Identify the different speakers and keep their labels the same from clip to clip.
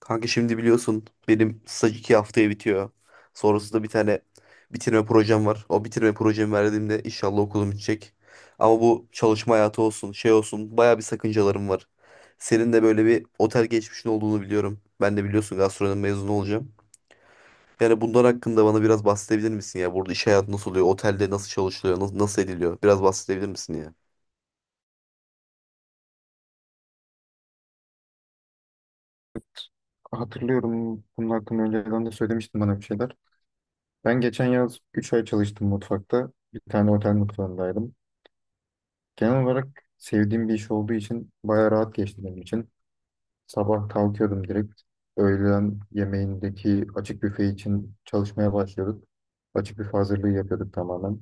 Speaker 1: Kanka şimdi biliyorsun benim staj iki haftaya bitiyor. Sonrasında bir tane bitirme projem var. O bitirme projemi verdiğimde inşallah okulum bitecek. Ama bu çalışma hayatı olsun, şey olsun baya bir sakıncalarım var. Senin de böyle bir otel geçmişin olduğunu biliyorum. Ben de biliyorsun gastronomi mezunu olacağım. Yani bunlar hakkında bana biraz bahsedebilir misin ya? Burada iş hayatı nasıl oluyor? Otelde nasıl çalışılıyor? Nasıl ediliyor? Biraz bahsedebilir misin ya?
Speaker 2: Hatırlıyorum bunun hakkında önceden de söylemiştin bana bir şeyler. Ben geçen yaz 3 ay çalıştım mutfakta. Bir tane otel mutfağındaydım. Genel olarak sevdiğim bir iş olduğu için bayağı rahat geçti benim için. Sabah kalkıyordum direkt. Öğlen yemeğindeki açık büfe için çalışmaya başlıyorduk. Açık büfe hazırlığı yapıyorduk tamamen.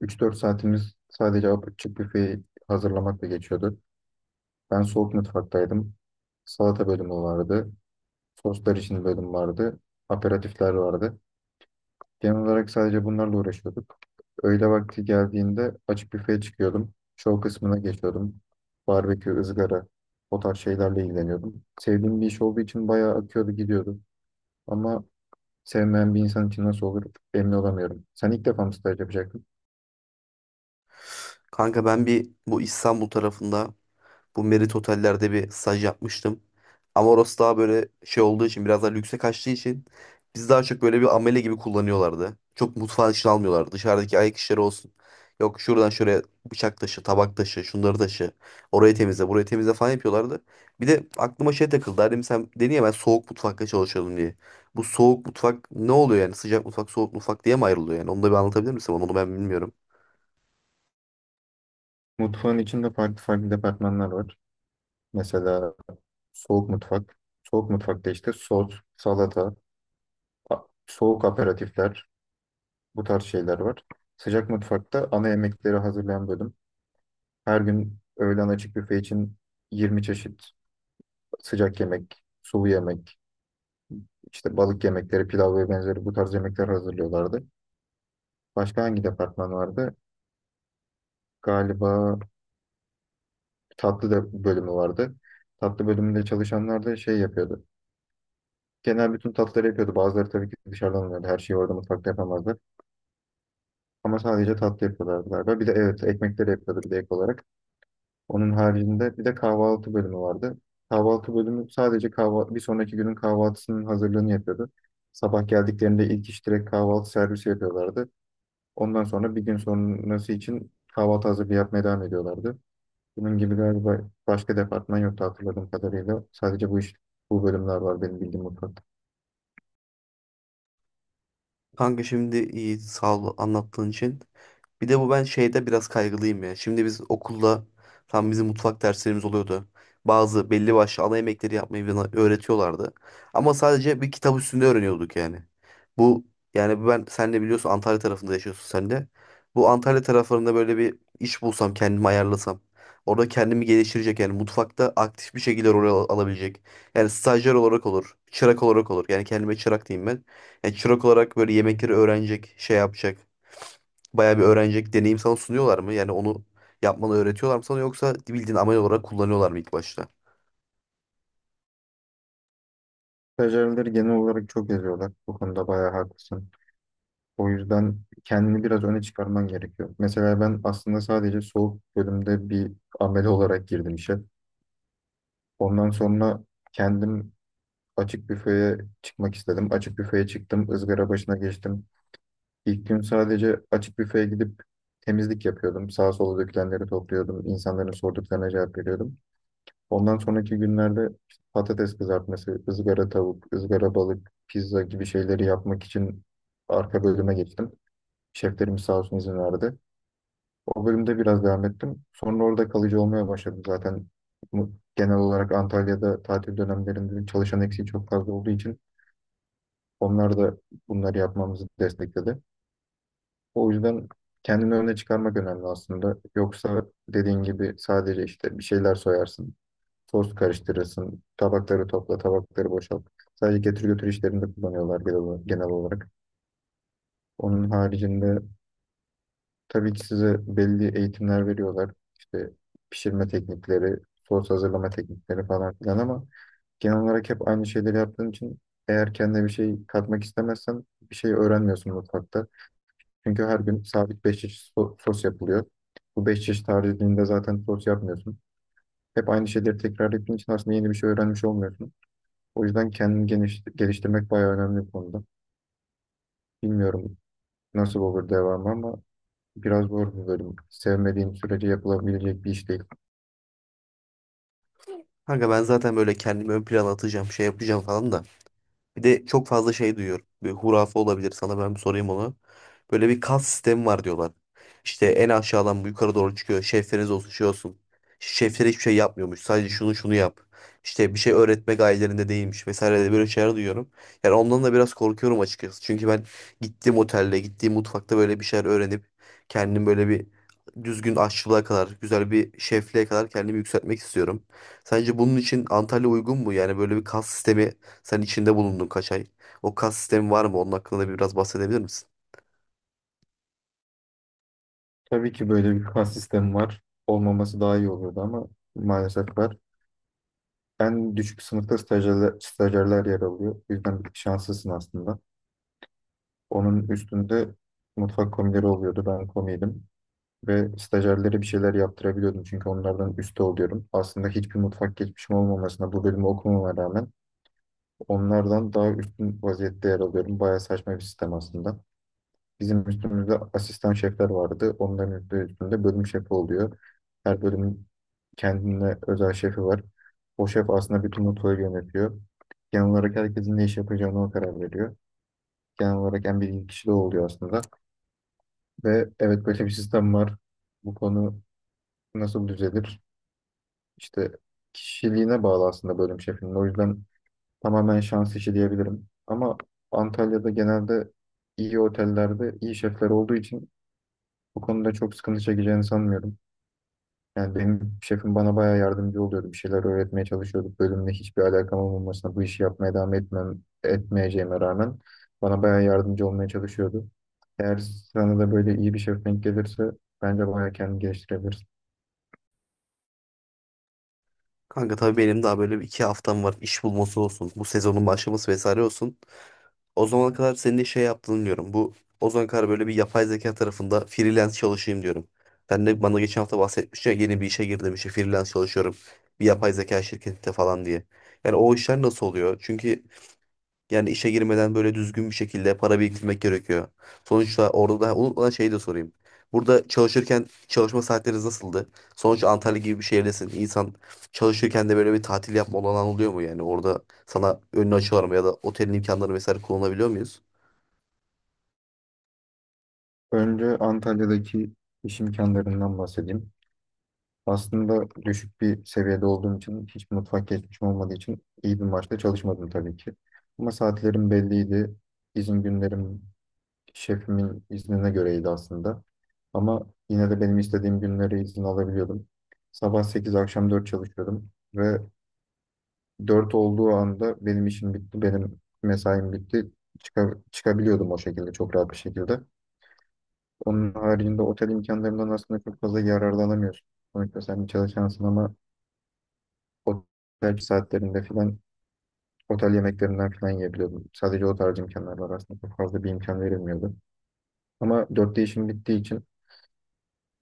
Speaker 2: 3 4 saatimiz sadece açık büfeyi hazırlamakla geçiyordu. Ben soğuk mutfaktaydım. Salata bölümü vardı. Soslar için bölüm vardı. Aperatifler vardı. Genel olarak sadece bunlarla uğraşıyorduk. Öğle vakti geldiğinde açık büfeye çıkıyordum. Show kısmına geçiyordum. Barbekü, ızgara, o tarz şeylerle ilgileniyordum. Sevdiğim bir iş olduğu için bayağı akıyordu gidiyordu. Ama sevmeyen bir insan için nasıl olur emin olamıyorum. Sen ilk defa mı staj yapacaktın?
Speaker 1: Kanka ben bu İstanbul tarafında, bu Merit Oteller'de bir staj yapmıştım. Ama orası daha böyle şey olduğu için, biraz daha lükse kaçtığı için biz daha çok böyle bir amele gibi kullanıyorlardı. Çok mutfağın içine almıyorlardı. Dışarıdaki ayak işleri olsun. Yok şuradan şuraya bıçak taşı, tabak taşı, şunları taşı. Orayı temizle, burayı temizle falan yapıyorlardı. Bir de aklıma şey takıldı. Hani sen dedin ya ben soğuk mutfakta çalışıyordum diye. Bu soğuk mutfak ne oluyor yani? Sıcak mutfak, soğuk mutfak diye mi ayrılıyor yani? Onu da bir anlatabilir misin bana? Onu ben bilmiyorum.
Speaker 2: Mutfağın içinde farklı farklı departmanlar var. Mesela soğuk mutfak. Soğuk mutfakta işte sos, salata, soğuk aperatifler, bu tarz şeyler var. Sıcak mutfakta ana yemekleri hazırlayan bölüm. Her gün öğlen açık büfe için 20 çeşit sıcak yemek, sulu yemek, işte balık yemekleri, pilav ve benzeri bu tarz yemekler hazırlıyorlardı. Başka hangi departman vardı? Galiba tatlı da bölümü vardı. Tatlı bölümünde çalışanlar da şey yapıyordu. Genel bütün tatlıları yapıyordu. Bazıları tabii ki dışarıdan alıyordu. Her şeyi orada mutfakta yapamazdı. Ama sadece tatlı yapıyorlardı galiba. Bir de evet ekmekleri yapıyordu bir de ek olarak. Onun haricinde bir de kahvaltı bölümü vardı. Kahvaltı bölümü sadece bir sonraki günün kahvaltısının hazırlığını yapıyordu. Sabah geldiklerinde ilk iş direkt kahvaltı servisi yapıyorlardı. Ondan sonra bir gün sonrası için kahvaltı hazırlığı yapmaya devam ediyorlardı. Bunun gibi galiba başka departman yoktu hatırladığım kadarıyla. Sadece bu iş, bu bölümler var benim bildiğim mutfakta.
Speaker 1: Kanka şimdi iyi, sağ ol anlattığın için. Bir de bu ben şeyde biraz kaygılıyım ya. Şimdi biz okulda tam bizim mutfak derslerimiz oluyordu. Bazı belli başlı ana yemekleri yapmayı bana öğretiyorlardı. Ama sadece bir kitap üstünde öğreniyorduk yani. Bu yani ben, sen de biliyorsun Antalya tarafında yaşıyorsun sen de. Bu Antalya taraflarında böyle bir iş bulsam, kendimi ayarlasam. Orada kendimi geliştirecek, yani mutfakta aktif bir şekilde alabilecek. Yani stajyer olarak olur, çırak olarak olur. Yani kendime çırak diyeyim ben. Yani çırak olarak böyle yemekleri öğrenecek, şey yapacak. Bayağı bir öğrenecek deneyim sana sunuyorlar mı? Yani onu yapmanı öğretiyorlar mı sana, yoksa bildiğin amel olarak kullanıyorlar mı ilk başta?
Speaker 2: Stajyerleri genel olarak çok eziyorlar. Bu konuda bayağı haklısın. O yüzden kendini biraz öne çıkarman gerekiyor. Mesela ben aslında sadece soğuk bölümde bir amele olarak girdim işe. Ondan sonra kendim açık büfeye çıkmak istedim. Açık büfeye çıktım, ızgara başına geçtim. İlk gün sadece açık büfeye gidip temizlik yapıyordum. Sağa sola dökülenleri topluyordum, insanların sorduklarına cevap veriyordum. Ondan sonraki günlerde işte patates kızartması, ızgara tavuk, ızgara balık, pizza gibi şeyleri yapmak için arka bölüme geçtim. Şeflerim sağ olsun izin verdi. O bölümde biraz devam ettim. Sonra orada kalıcı olmaya başladım zaten. Genel olarak Antalya'da tatil dönemlerinde çalışan eksiği çok fazla olduğu için onlar da bunları yapmamızı destekledi. O yüzden kendini öne çıkarmak önemli aslında. Yoksa dediğin gibi sadece işte bir şeyler soyarsın, toz karıştırırsın, tabakları topla, tabakları boşalt. Sadece getir götür işlerinde kullanıyorlar genel olarak. Genel olarak. Onun haricinde tabii ki size belli eğitimler veriyorlar. İşte pişirme teknikleri, sos hazırlama teknikleri falan filan ama genel olarak hep aynı şeyleri yaptığın için eğer kendine bir şey katmak istemezsen bir şey öğrenmiyorsun mutfakta. Çünkü her gün sabit 5 çeşit sos yapılıyor. Bu 5 çeşit haricinde zaten sos yapmıyorsun. Hep aynı şeyleri tekrar ettiğin için aslında yeni bir şey öğrenmiş olmuyorsun. O yüzden kendini geliştirmek bayağı önemli bir konuda. Bilmiyorum nasıl olur devamı ama biraz zor bir bölüm. Sevmediğim sürece yapılabilecek bir iş değil.
Speaker 1: Kanka ben zaten böyle kendimi ön plana atacağım, şey yapacağım falan da. Bir de çok fazla şey duyuyorum. Bir hurafe olabilir, sana ben bir sorayım onu. Böyle bir kas sistemi var diyorlar. İşte en aşağıdan bu yukarı doğru çıkıyor. Şefleriniz olsun, şey olsun. Şefler hiçbir şey yapmıyormuş. Sadece şunu şunu yap. İşte bir şey öğretme gayelerinde değilmiş vesaire de, böyle şeyler duyuyorum. Yani ondan da biraz korkuyorum açıkçası. Çünkü ben gittiğim otelde, gittiğim mutfakta böyle bir şeyler öğrenip kendim böyle bir düzgün aşçılığa kadar, güzel bir şefliğe kadar kendimi yükseltmek istiyorum. Sence bunun için Antalya uygun mu? Yani böyle bir kas sistemi, sen içinde bulundun kaç ay. O kas sistemi var mı? Onun hakkında da biraz bahsedebilir misin?
Speaker 2: Tabii ki böyle bir kas sistemi var. Olmaması daha iyi olurdu ama maalesef var. En düşük sınıfta stajyerler yer alıyor. O yüzden bir tık şanslısın aslında. Onun üstünde mutfak komileri oluyordu. Ben komiydim. Ve stajyerlere bir şeyler yaptırabiliyordum. Çünkü onlardan üstte oluyorum. Aslında hiçbir mutfak geçmişim olmamasına bu bölümü okumama rağmen onlardan daha üstün vaziyette yer alıyorum. Bayağı saçma bir sistem aslında. Bizim üstümüzde asistan şefler vardı. Onların üstünde bölüm şefi oluyor. Her bölümün kendine özel şefi var. O şef aslında bütün mutfağı yönetiyor. Genel olarak herkesin ne iş yapacağını o karar veriyor. Genel olarak en bilgili kişi de o oluyor aslında. Ve evet böyle bir sistem var. Bu konu nasıl düzelir? İşte kişiliğine bağlı aslında bölüm şefinin. O yüzden tamamen şans işi diyebilirim. Ama Antalya'da genelde iyi otellerde iyi şefler olduğu için bu konuda çok sıkıntı çekeceğini sanmıyorum. Yani benim şefim bana bayağı yardımcı oluyordu. Bir şeyler öğretmeye çalışıyordu. Bölümle hiçbir alakam olmamasına bu işi yapmaya devam etmem, etmeyeceğime rağmen bana bayağı yardımcı olmaya çalışıyordu. Eğer sana da böyle iyi bir şef denk gelirse bence bayağı kendini geliştirebilirsin.
Speaker 1: Kanka tabii benim daha böyle bir iki haftam var. İş bulması olsun, bu sezonun başlaması vesaire olsun. O zamana kadar senin de şey yaptığını diyorum. Bu, o zamana kadar böyle bir yapay zeka tarafında freelance çalışayım diyorum. Sen de bana geçen hafta bahsetmiştin ya, yeni bir işe girdim işte, freelance çalışıyorum bir yapay zeka şirketinde falan diye. Yani o işler nasıl oluyor? Yani işe girmeden böyle düzgün bir şekilde para biriktirmek gerekiyor. Sonuçta orada da, unutmadan şeyi de sorayım, burada çalışırken çalışma saatleriniz nasıldı? Sonuçta Antalya gibi bir şehirdesin. İnsan çalışırken de böyle bir tatil yapma olanağı oluyor mu yani? Orada sana önünü açıyorlar mı, ya da otelin imkanları vesaire kullanabiliyor muyuz?
Speaker 2: Önce Antalya'daki iş imkanlarından bahsedeyim. Aslında düşük bir seviyede olduğum için, hiç mutfak geçmişim olmadığı için iyi bir maaşla çalışmadım tabii ki. Ama saatlerim belliydi. İzin günlerim şefimin iznine göreydi aslında. Ama yine de benim istediğim günleri izin alabiliyordum. Sabah 8, akşam 4 çalışıyordum. Ve 4 olduğu anda benim işim bitti, benim mesaim bitti. Çıkabiliyordum o şekilde, çok rahat bir şekilde. Onun haricinde otel imkanlarından aslında çok fazla yararlanamıyorsun. Sonuçta sen bir çalışansın ama otel saatlerinde filan, otel yemeklerinden filan yiyebiliyordum. Sadece o tarz imkanlar var aslında. Çok fazla bir imkan verilmiyordu. Ama 4'te işim bittiği için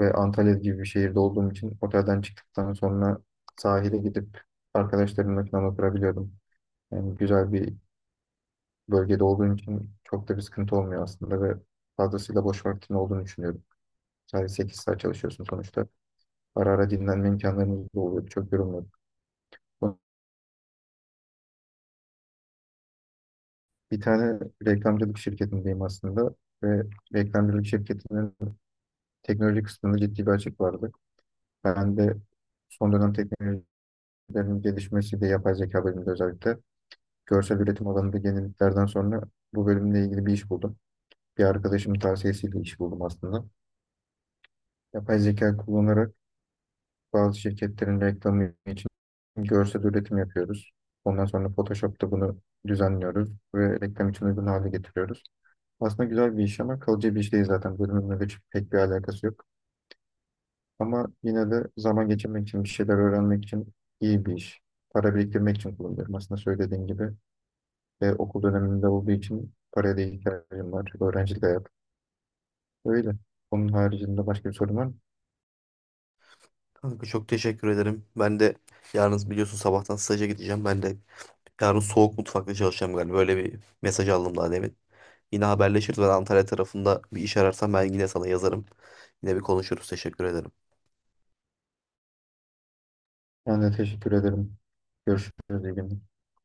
Speaker 2: ve Antalya gibi bir şehirde olduğum için otelden çıktıktan sonra sahile gidip arkadaşlarımla falan oturabiliyordum. Yani güzel bir bölgede olduğum için çok da bir sıkıntı olmuyor aslında ve fazlasıyla boş vaktin olduğunu düşünüyorum. Sadece 8 saat çalışıyorsun sonuçta. Ara ara dinlenme imkanlarımız da oluyor. Çok yorulmuyorduk. Bir tane reklamcılık şirketindeyim aslında ve reklamcılık şirketinin teknoloji kısmında ciddi bir açık vardı. Ben de son dönem teknolojilerin gelişmesiyle yapay zeka bölümünde özellikle görsel üretim alanında yeniliklerden sonra bu bölümle ilgili bir iş buldum. Bir arkadaşımın tavsiyesiyle iş buldum aslında. Yapay zeka kullanarak bazı şirketlerin reklamı için görsel üretim yapıyoruz. Ondan sonra Photoshop'ta bunu düzenliyoruz ve reklam için uygun hale getiriyoruz. Aslında güzel bir iş ama kalıcı bir iş değil zaten. Bölümümle de pek bir alakası yok. Ama yine de zaman geçirmek için, bir şeyler öğrenmek için iyi bir iş. Para biriktirmek için kullanıyorum. Aslında söylediğin gibi ve okul döneminde olduğu için paraya da ihtiyacım var. Öğrencilik hayat. Öyle. Onun haricinde başka bir sorun var mı?
Speaker 1: Kanka çok teşekkür ederim. Ben de yarın biliyorsun sabahtan staja gideceğim. Ben de yarın soğuk mutfakta çalışacağım galiba. Böyle bir mesaj aldım daha demin. Yine haberleşiriz. Ben Antalya tarafında bir iş ararsam ben yine sana yazarım. Yine bir konuşuruz. Teşekkür ederim.
Speaker 2: Ben de teşekkür ederim. Görüşürüz. İyi günler.